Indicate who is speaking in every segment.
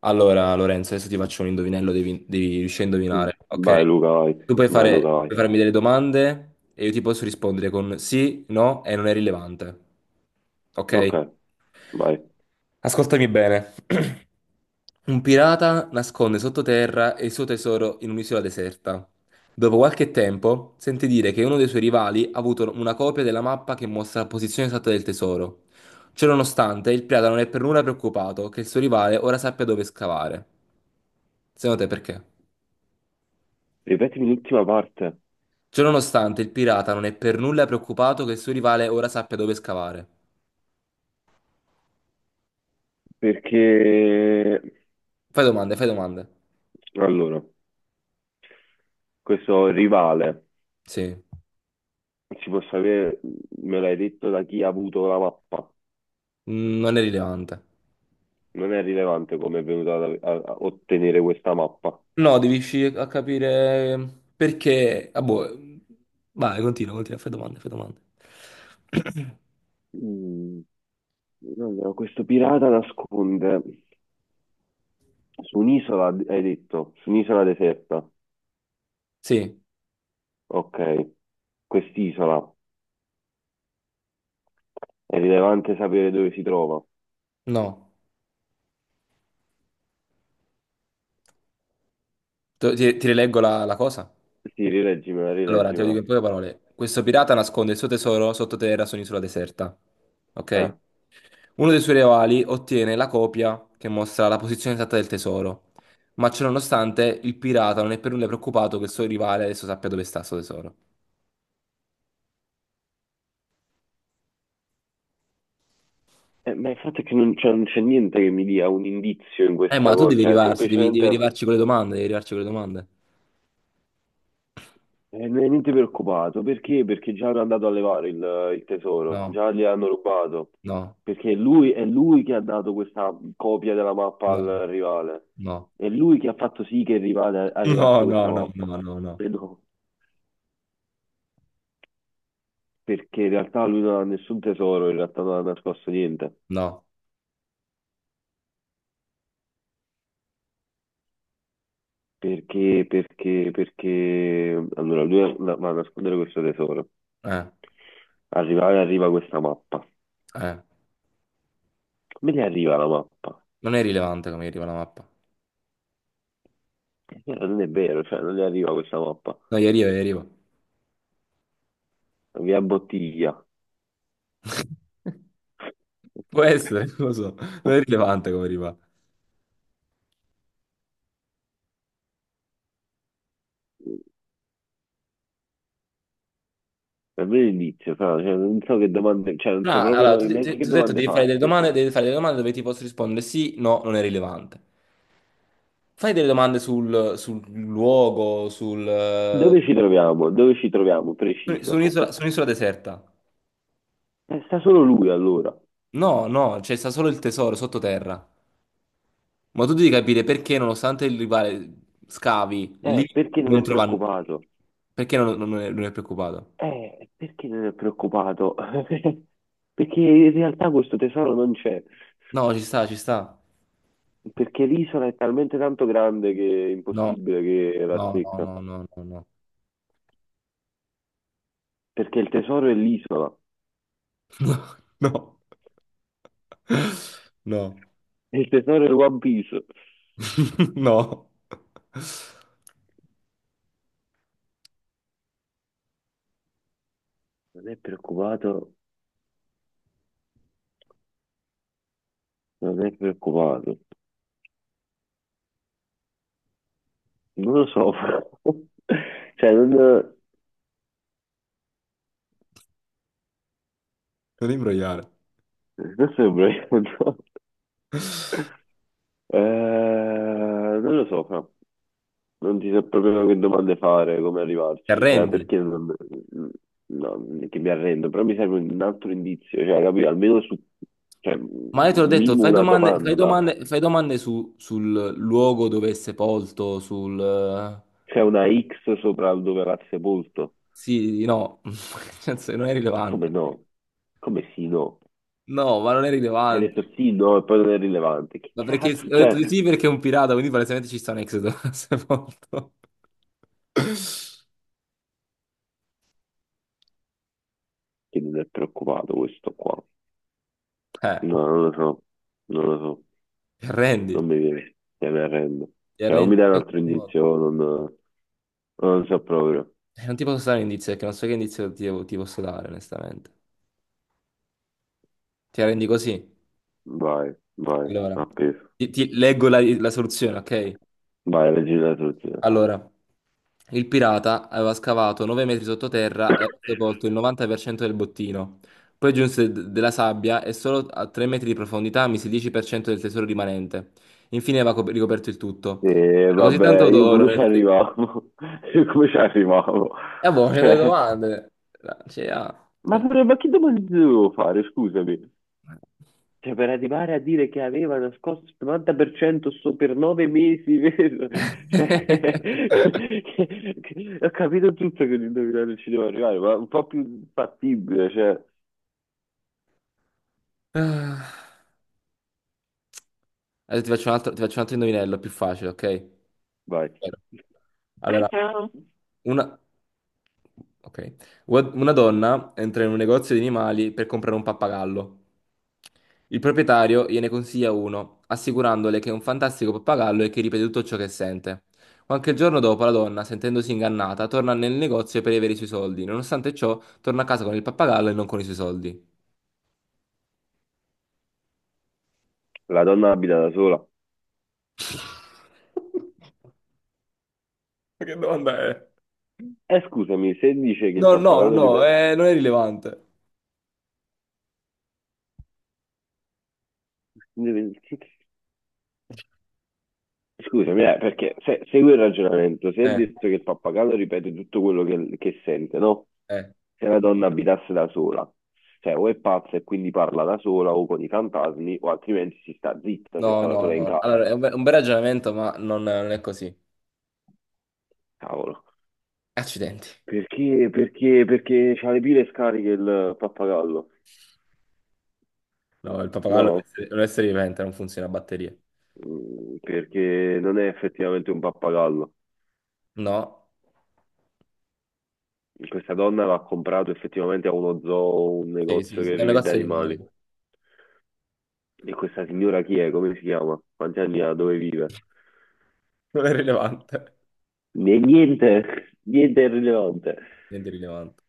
Speaker 1: Allora, Lorenzo, adesso ti faccio un indovinello, devi riuscire a
Speaker 2: Mm.
Speaker 1: indovinare, ok?
Speaker 2: Vai Luca, vai,
Speaker 1: Tu puoi
Speaker 2: vai Luca,
Speaker 1: puoi
Speaker 2: vai.
Speaker 1: farmi delle domande e io ti posso rispondere con sì, no e non è rilevante, ok?
Speaker 2: Ok, vai.
Speaker 1: Ascoltami bene. Un pirata nasconde sottoterra il suo tesoro in un'isola deserta. Dopo qualche tempo, sente dire che uno dei suoi rivali ha avuto una copia della mappa che mostra la posizione esatta del tesoro. Ciononostante, il pirata non è per nulla preoccupato che il suo rivale ora sappia dove scavare. Secondo te perché?
Speaker 2: Ripetimi l'ultima parte,
Speaker 1: Ciononostante, il pirata non è per nulla preoccupato che il suo rivale ora sappia dove scavare.
Speaker 2: perché
Speaker 1: Fai domande, fai domande.
Speaker 2: allora, questo rivale,
Speaker 1: Sì.
Speaker 2: si può sapere, me l'hai detto da chi ha avuto la mappa?
Speaker 1: Mm, non è rilevante.
Speaker 2: Non è rilevante come è venuto a ottenere questa mappa.
Speaker 1: No, devi riuscire a capire perché... Ah, boh. Vai, continua, continua, fai domande, fai domande.
Speaker 2: Mm. Allora, questo pirata nasconde su un'isola, hai detto, su un'isola deserta.
Speaker 1: Sì,
Speaker 2: Ok, quest'isola, è rilevante sapere dove si trova.
Speaker 1: no. Ti rileggo la cosa?
Speaker 2: Sì, rileggimela,
Speaker 1: Allora, te lo dico
Speaker 2: rileggimela.
Speaker 1: in poche parole. Questo pirata nasconde il suo tesoro sottoterra su un'isola deserta. Ok?
Speaker 2: Eh.
Speaker 1: Uno dei suoi rivali ottiene la copia che mostra la posizione esatta del tesoro. Ma ciononostante, il pirata non è per nulla preoccupato che il suo rivale adesso sappia dove sta il suo tesoro.
Speaker 2: Ma il fatto è che non c'è niente che mi dia un indizio in questa
Speaker 1: Ma tu
Speaker 2: cosa,
Speaker 1: devi
Speaker 2: cioè
Speaker 1: arrivarci, devi
Speaker 2: semplicemente
Speaker 1: arrivarci con le domande, devi arrivarci con le domande.
Speaker 2: non è niente preoccupato. Perché? Perché già hanno andato a levare il tesoro,
Speaker 1: No.
Speaker 2: già gli hanno rubato,
Speaker 1: No,
Speaker 2: perché lui, è lui che ha dato questa copia della mappa
Speaker 1: no,
Speaker 2: al
Speaker 1: no,
Speaker 2: rivale,
Speaker 1: no,
Speaker 2: è lui che ha fatto sì che il rivale- arrivasse
Speaker 1: no,
Speaker 2: questa
Speaker 1: no, no,
Speaker 2: mappa.
Speaker 1: no, no,
Speaker 2: Credo- Perché in realtà lui non ha nessun tesoro, in realtà non ha nascosto niente.
Speaker 1: no,
Speaker 2: Perché, allora lui va a nascondere questo tesoro.
Speaker 1: eh,
Speaker 2: Arriva questa mappa.
Speaker 1: eh,
Speaker 2: Come gli arriva la mappa?
Speaker 1: non è rilevante come arriva la mappa.
Speaker 2: Non è vero, cioè, non gli arriva questa mappa.
Speaker 1: No, gli arriva, gli arriva.
Speaker 2: Via bottiglia.
Speaker 1: Può essere, non lo so, non è rilevante come arriva.
Speaker 2: È vero l'inizio, fra, cioè, non so che domande, cioè, non
Speaker 1: No,
Speaker 2: so
Speaker 1: allora,
Speaker 2: proprio neanche che
Speaker 1: ti ho detto
Speaker 2: domande
Speaker 1: devi fare delle
Speaker 2: farti.
Speaker 1: domande, devi fare delle domande dove ti posso rispondere sì, no, non è rilevante. Fai delle domande sul luogo,
Speaker 2: Dove ci troviamo? Dove ci troviamo?
Speaker 1: su
Speaker 2: Preciso.
Speaker 1: su un'isola deserta.
Speaker 2: Sta solo lui allora.
Speaker 1: No, no, c'è sta solo il tesoro sottoterra. Ma tu devi capire perché, nonostante il rivale scavi, lì
Speaker 2: Perché non
Speaker 1: non
Speaker 2: è
Speaker 1: trovano.
Speaker 2: preoccupato?
Speaker 1: Perché non è, non è preoccupato?
Speaker 2: Perché non è preoccupato? Perché in realtà questo tesoro non c'è.
Speaker 1: No, ci sta, ci sta.
Speaker 2: Perché l'isola è talmente tanto grande che è
Speaker 1: No,
Speaker 2: impossibile che la
Speaker 1: no, no,
Speaker 2: secca.
Speaker 1: no, no, no, no.
Speaker 2: Perché il tesoro è l'isola,
Speaker 1: No, no,
Speaker 2: e il tesoro è One Piece.
Speaker 1: no.
Speaker 2: Non è preoccupato, non è preoccupato. Non lo so, però. Cioè, non,
Speaker 1: Non imbrogliare.
Speaker 2: non sembra che- no. Non lo so, fra. Non ti so proprio che domande fare, come
Speaker 1: Ti
Speaker 2: arrivarci, cioè,
Speaker 1: arrendi?
Speaker 2: perché non, no, non è che mi arrendo, però mi serve un altro indizio, cioè, capito? Almeno su, cioè, un
Speaker 1: Ma io te l'ho detto,
Speaker 2: minimo
Speaker 1: fai
Speaker 2: una
Speaker 1: domande, fai
Speaker 2: domanda.
Speaker 1: domande, fai domande sul luogo dove è sepolto, sul...
Speaker 2: C'è una X sopra dove va sepolto?
Speaker 1: sì, no, nel senso, non è
Speaker 2: Come
Speaker 1: rilevante.
Speaker 2: no? Come sì, no?
Speaker 1: No, ma non è
Speaker 2: Hai
Speaker 1: rilevante.
Speaker 2: detto sì, no, e poi non è rilevante. Che
Speaker 1: Ma perché
Speaker 2: cazzo,
Speaker 1: ho detto
Speaker 2: cioè,
Speaker 1: di sì perché è un pirata, quindi palesemente ci sta un Exodus sepolto.
Speaker 2: che non è preoccupato questo qua?
Speaker 1: Eh,
Speaker 2: No, non lo so, non lo so,
Speaker 1: ti arrendi,
Speaker 2: non mi viene, te ne arrendo.
Speaker 1: ti
Speaker 2: Cioè, o
Speaker 1: arrendi
Speaker 2: mi
Speaker 1: in
Speaker 2: dai un
Speaker 1: questo
Speaker 2: altro
Speaker 1: modo.
Speaker 2: indizio, o non, non lo so proprio.
Speaker 1: Non ti posso dare un indizio perché non so che indizio ti posso dare, onestamente. Ti arrendi così?
Speaker 2: Vai, vai,
Speaker 1: Allora,
Speaker 2: appeso.
Speaker 1: ti leggo la soluzione, ok?
Speaker 2: Vai, leggi la soluzione.
Speaker 1: Allora, il pirata aveva scavato 9 metri sottoterra e aveva sepolto il 90% del bottino. Poi giunse della sabbia e solo a 3 metri di profondità mise il 10% del tesoro rimanente. Infine aveva ricoperto il tutto.
Speaker 2: E
Speaker 1: C'era ah, così tanto
Speaker 2: vabbè,
Speaker 1: vabbè.
Speaker 2: io
Speaker 1: D'oro
Speaker 2: come ci
Speaker 1: nel... E
Speaker 2: arrivavo? Io come ci arrivavo?
Speaker 1: boh, che delle
Speaker 2: Cioè,
Speaker 1: domande! Cioè, ah.
Speaker 2: ma, ma che domande devo fare? Scusami. Cioè, per arrivare a dire che aveva nascosto il 90% so per 9 mesi, vero? Cioè, ho capito tutto che l'indovinello ci devo arrivare, ma un po' più fattibile, cioè,
Speaker 1: Adesso ti faccio un altro, ti faccio un altro indovinello più facile, ok?
Speaker 2: vai.
Speaker 1: Vero. Allora, una... ok. Una donna entra in un negozio di animali per comprare un pappagallo. Il proprietario gliene consiglia uno, assicurandole che è un fantastico pappagallo e che ripete tutto ciò che sente. Qualche giorno dopo, la donna, sentendosi ingannata, torna nel negozio per avere i suoi soldi. Nonostante ciò, torna a casa con il pappagallo e non con i suoi soldi.
Speaker 2: La donna abita da sola.
Speaker 1: Ma che domanda è?
Speaker 2: E scusami, se dice che il
Speaker 1: No, no,
Speaker 2: pappagallo
Speaker 1: no,
Speaker 2: ripete...
Speaker 1: non è rilevante.
Speaker 2: Scusami, perché se, segui il ragionamento, se è
Speaker 1: Eh,
Speaker 2: detto che il pappagallo ripete tutto quello che sente, no?
Speaker 1: eh.
Speaker 2: Se la donna abitasse da sola, cioè o è pazza e quindi parla da sola o con i fantasmi, o altrimenti si sta zitta se
Speaker 1: No,
Speaker 2: sta da
Speaker 1: no,
Speaker 2: sola in
Speaker 1: no.
Speaker 2: casa.
Speaker 1: Allora, è un bel ragionamento, ma non, non è così.
Speaker 2: Cavolo.
Speaker 1: Accidenti.
Speaker 2: Perché? Perché? Perché c'ha le pile scariche il pappagallo?
Speaker 1: No, il papagallo
Speaker 2: No,
Speaker 1: è un essere vivente, non funziona a batterie.
Speaker 2: perché non è effettivamente un pappagallo.
Speaker 1: No?
Speaker 2: Questa donna l'ha comprato effettivamente a uno zoo, un
Speaker 1: Sì, sì,
Speaker 2: negozio
Speaker 1: sì.
Speaker 2: che
Speaker 1: È un
Speaker 2: rivende
Speaker 1: negozio di animali.
Speaker 2: animali. E questa signora chi è? Come si chiama? Quanti anni ha? Dove vive?
Speaker 1: Non è rilevante.
Speaker 2: Niente, niente è rilevante.
Speaker 1: Niente rilevante.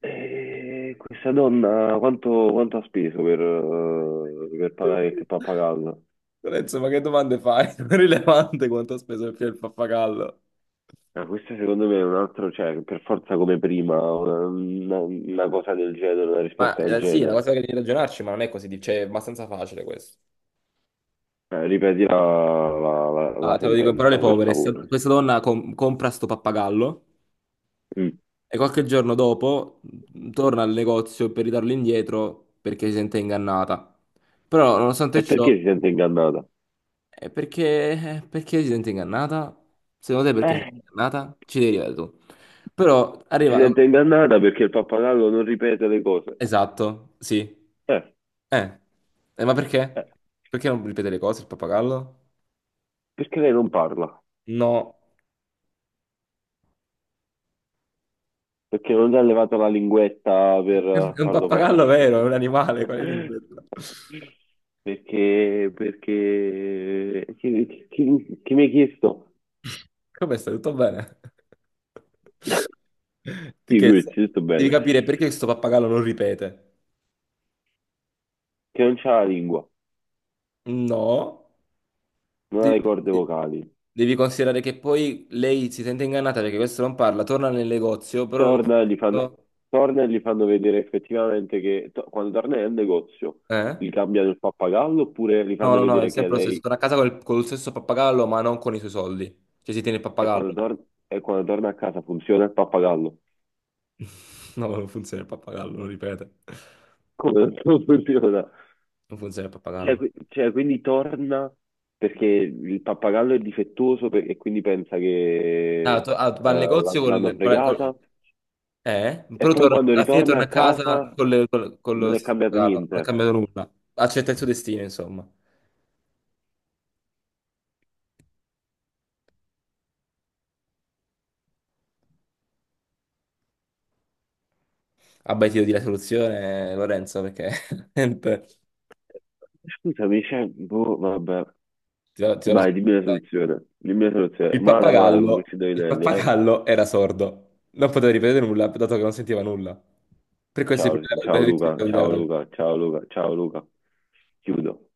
Speaker 2: E questa donna quanto ha speso per pagare il pappagallo?
Speaker 1: Lorenzo, ma che domande fai? Non è rilevante quanto ha speso il pappagallo.
Speaker 2: Ah, questa secondo me è un altro, cioè per forza come prima, una cosa del genere, una
Speaker 1: Ma
Speaker 2: risposta del
Speaker 1: sì, è una
Speaker 2: genere.
Speaker 1: cosa che devi ragionarci, ma non è così, cioè, è abbastanza facile questo.
Speaker 2: Ripeti la
Speaker 1: Ah, te lo dico in parole
Speaker 2: sentenza, per
Speaker 1: povere,
Speaker 2: favore.
Speaker 1: questa donna compra sto pappagallo.
Speaker 2: Mm.
Speaker 1: E qualche giorno dopo torna al negozio per ridarlo indietro perché si sente ingannata. Però, nonostante
Speaker 2: E
Speaker 1: ciò,
Speaker 2: perché si sente ingannata?
Speaker 1: perché si sente ingannata? Secondo te perché si sente
Speaker 2: Eh,
Speaker 1: ingannata? Ci devi arrivare tu. Però
Speaker 2: si
Speaker 1: arriva...
Speaker 2: sente ingannata perché il pappagallo non ripete le cose.
Speaker 1: Esatto, sì.
Speaker 2: Eh,
Speaker 1: Eh, eh, ma
Speaker 2: eh,
Speaker 1: perché? Perché non ripete le cose il pappagallo?
Speaker 2: perché lei non parla?
Speaker 1: No.
Speaker 2: Perché non gli ha levato la linguetta per
Speaker 1: È un
Speaker 2: farlo
Speaker 1: pappagallo vero, è un animale, quale lingua?
Speaker 2: partire. Perché, chi mi ha chiesto?
Speaker 1: Come stai? Tutto bene? Ti
Speaker 2: Figurati,
Speaker 1: chiesto,
Speaker 2: tutto
Speaker 1: devi
Speaker 2: bello.
Speaker 1: capire perché questo pappagallo non ripete.
Speaker 2: Che non c'ha la lingua,
Speaker 1: No,
Speaker 2: non ha
Speaker 1: devi,
Speaker 2: le corde vocali.
Speaker 1: devi considerare che poi lei si sente ingannata perché questo non parla, torna nel negozio, però non...
Speaker 2: Torna e gli fanno, torna e gli fanno vedere effettivamente quando torna nel negozio
Speaker 1: Eh?
Speaker 2: gli cambiano il pappagallo oppure gli
Speaker 1: No,
Speaker 2: fanno
Speaker 1: no, no, è
Speaker 2: vedere che
Speaker 1: sempre lo stesso.
Speaker 2: lei
Speaker 1: Torna a casa col, con lo stesso pappagallo, ma non con i suoi soldi. Cioè si tiene il
Speaker 2: e quando,
Speaker 1: pappagallo.
Speaker 2: tor- e quando torna a casa funziona il pappagallo.
Speaker 1: No, non funziona il pappagallo, non ripete.
Speaker 2: Come non funziona?
Speaker 1: Non funziona il
Speaker 2: Cioè,
Speaker 1: pappagallo.
Speaker 2: quindi torna perché il pappagallo è difettoso e quindi pensa che
Speaker 1: Ah, va al
Speaker 2: l'ha-
Speaker 1: negozio
Speaker 2: l'hanno fregata
Speaker 1: eh?
Speaker 2: e
Speaker 1: Però
Speaker 2: poi quando
Speaker 1: alla fine
Speaker 2: ritorna
Speaker 1: torna
Speaker 2: a
Speaker 1: a casa
Speaker 2: casa
Speaker 1: con, con lo
Speaker 2: non è
Speaker 1: stesso
Speaker 2: cambiato
Speaker 1: regalo, non è
Speaker 2: niente.
Speaker 1: cambiato nulla. Accetta il suo destino, insomma. Abbaiti di la soluzione, Lorenzo, perché niente,
Speaker 2: Scusami, cioè, boh, vabbè.
Speaker 1: ti do la
Speaker 2: Vai, dimmi
Speaker 1: soluzione.
Speaker 2: la
Speaker 1: Dai.
Speaker 2: soluzione. Dimmi la soluzione. Male, male con questi
Speaker 1: Il
Speaker 2: indovinelli, eh.
Speaker 1: pappagallo era sordo, non poteva ripetere nulla, dato che non sentiva nulla. Per questo
Speaker 2: Ciao, ciao
Speaker 1: il
Speaker 2: Luca, ciao
Speaker 1: problema
Speaker 2: Luca, ciao Luca, ciao Luca. Chiudo.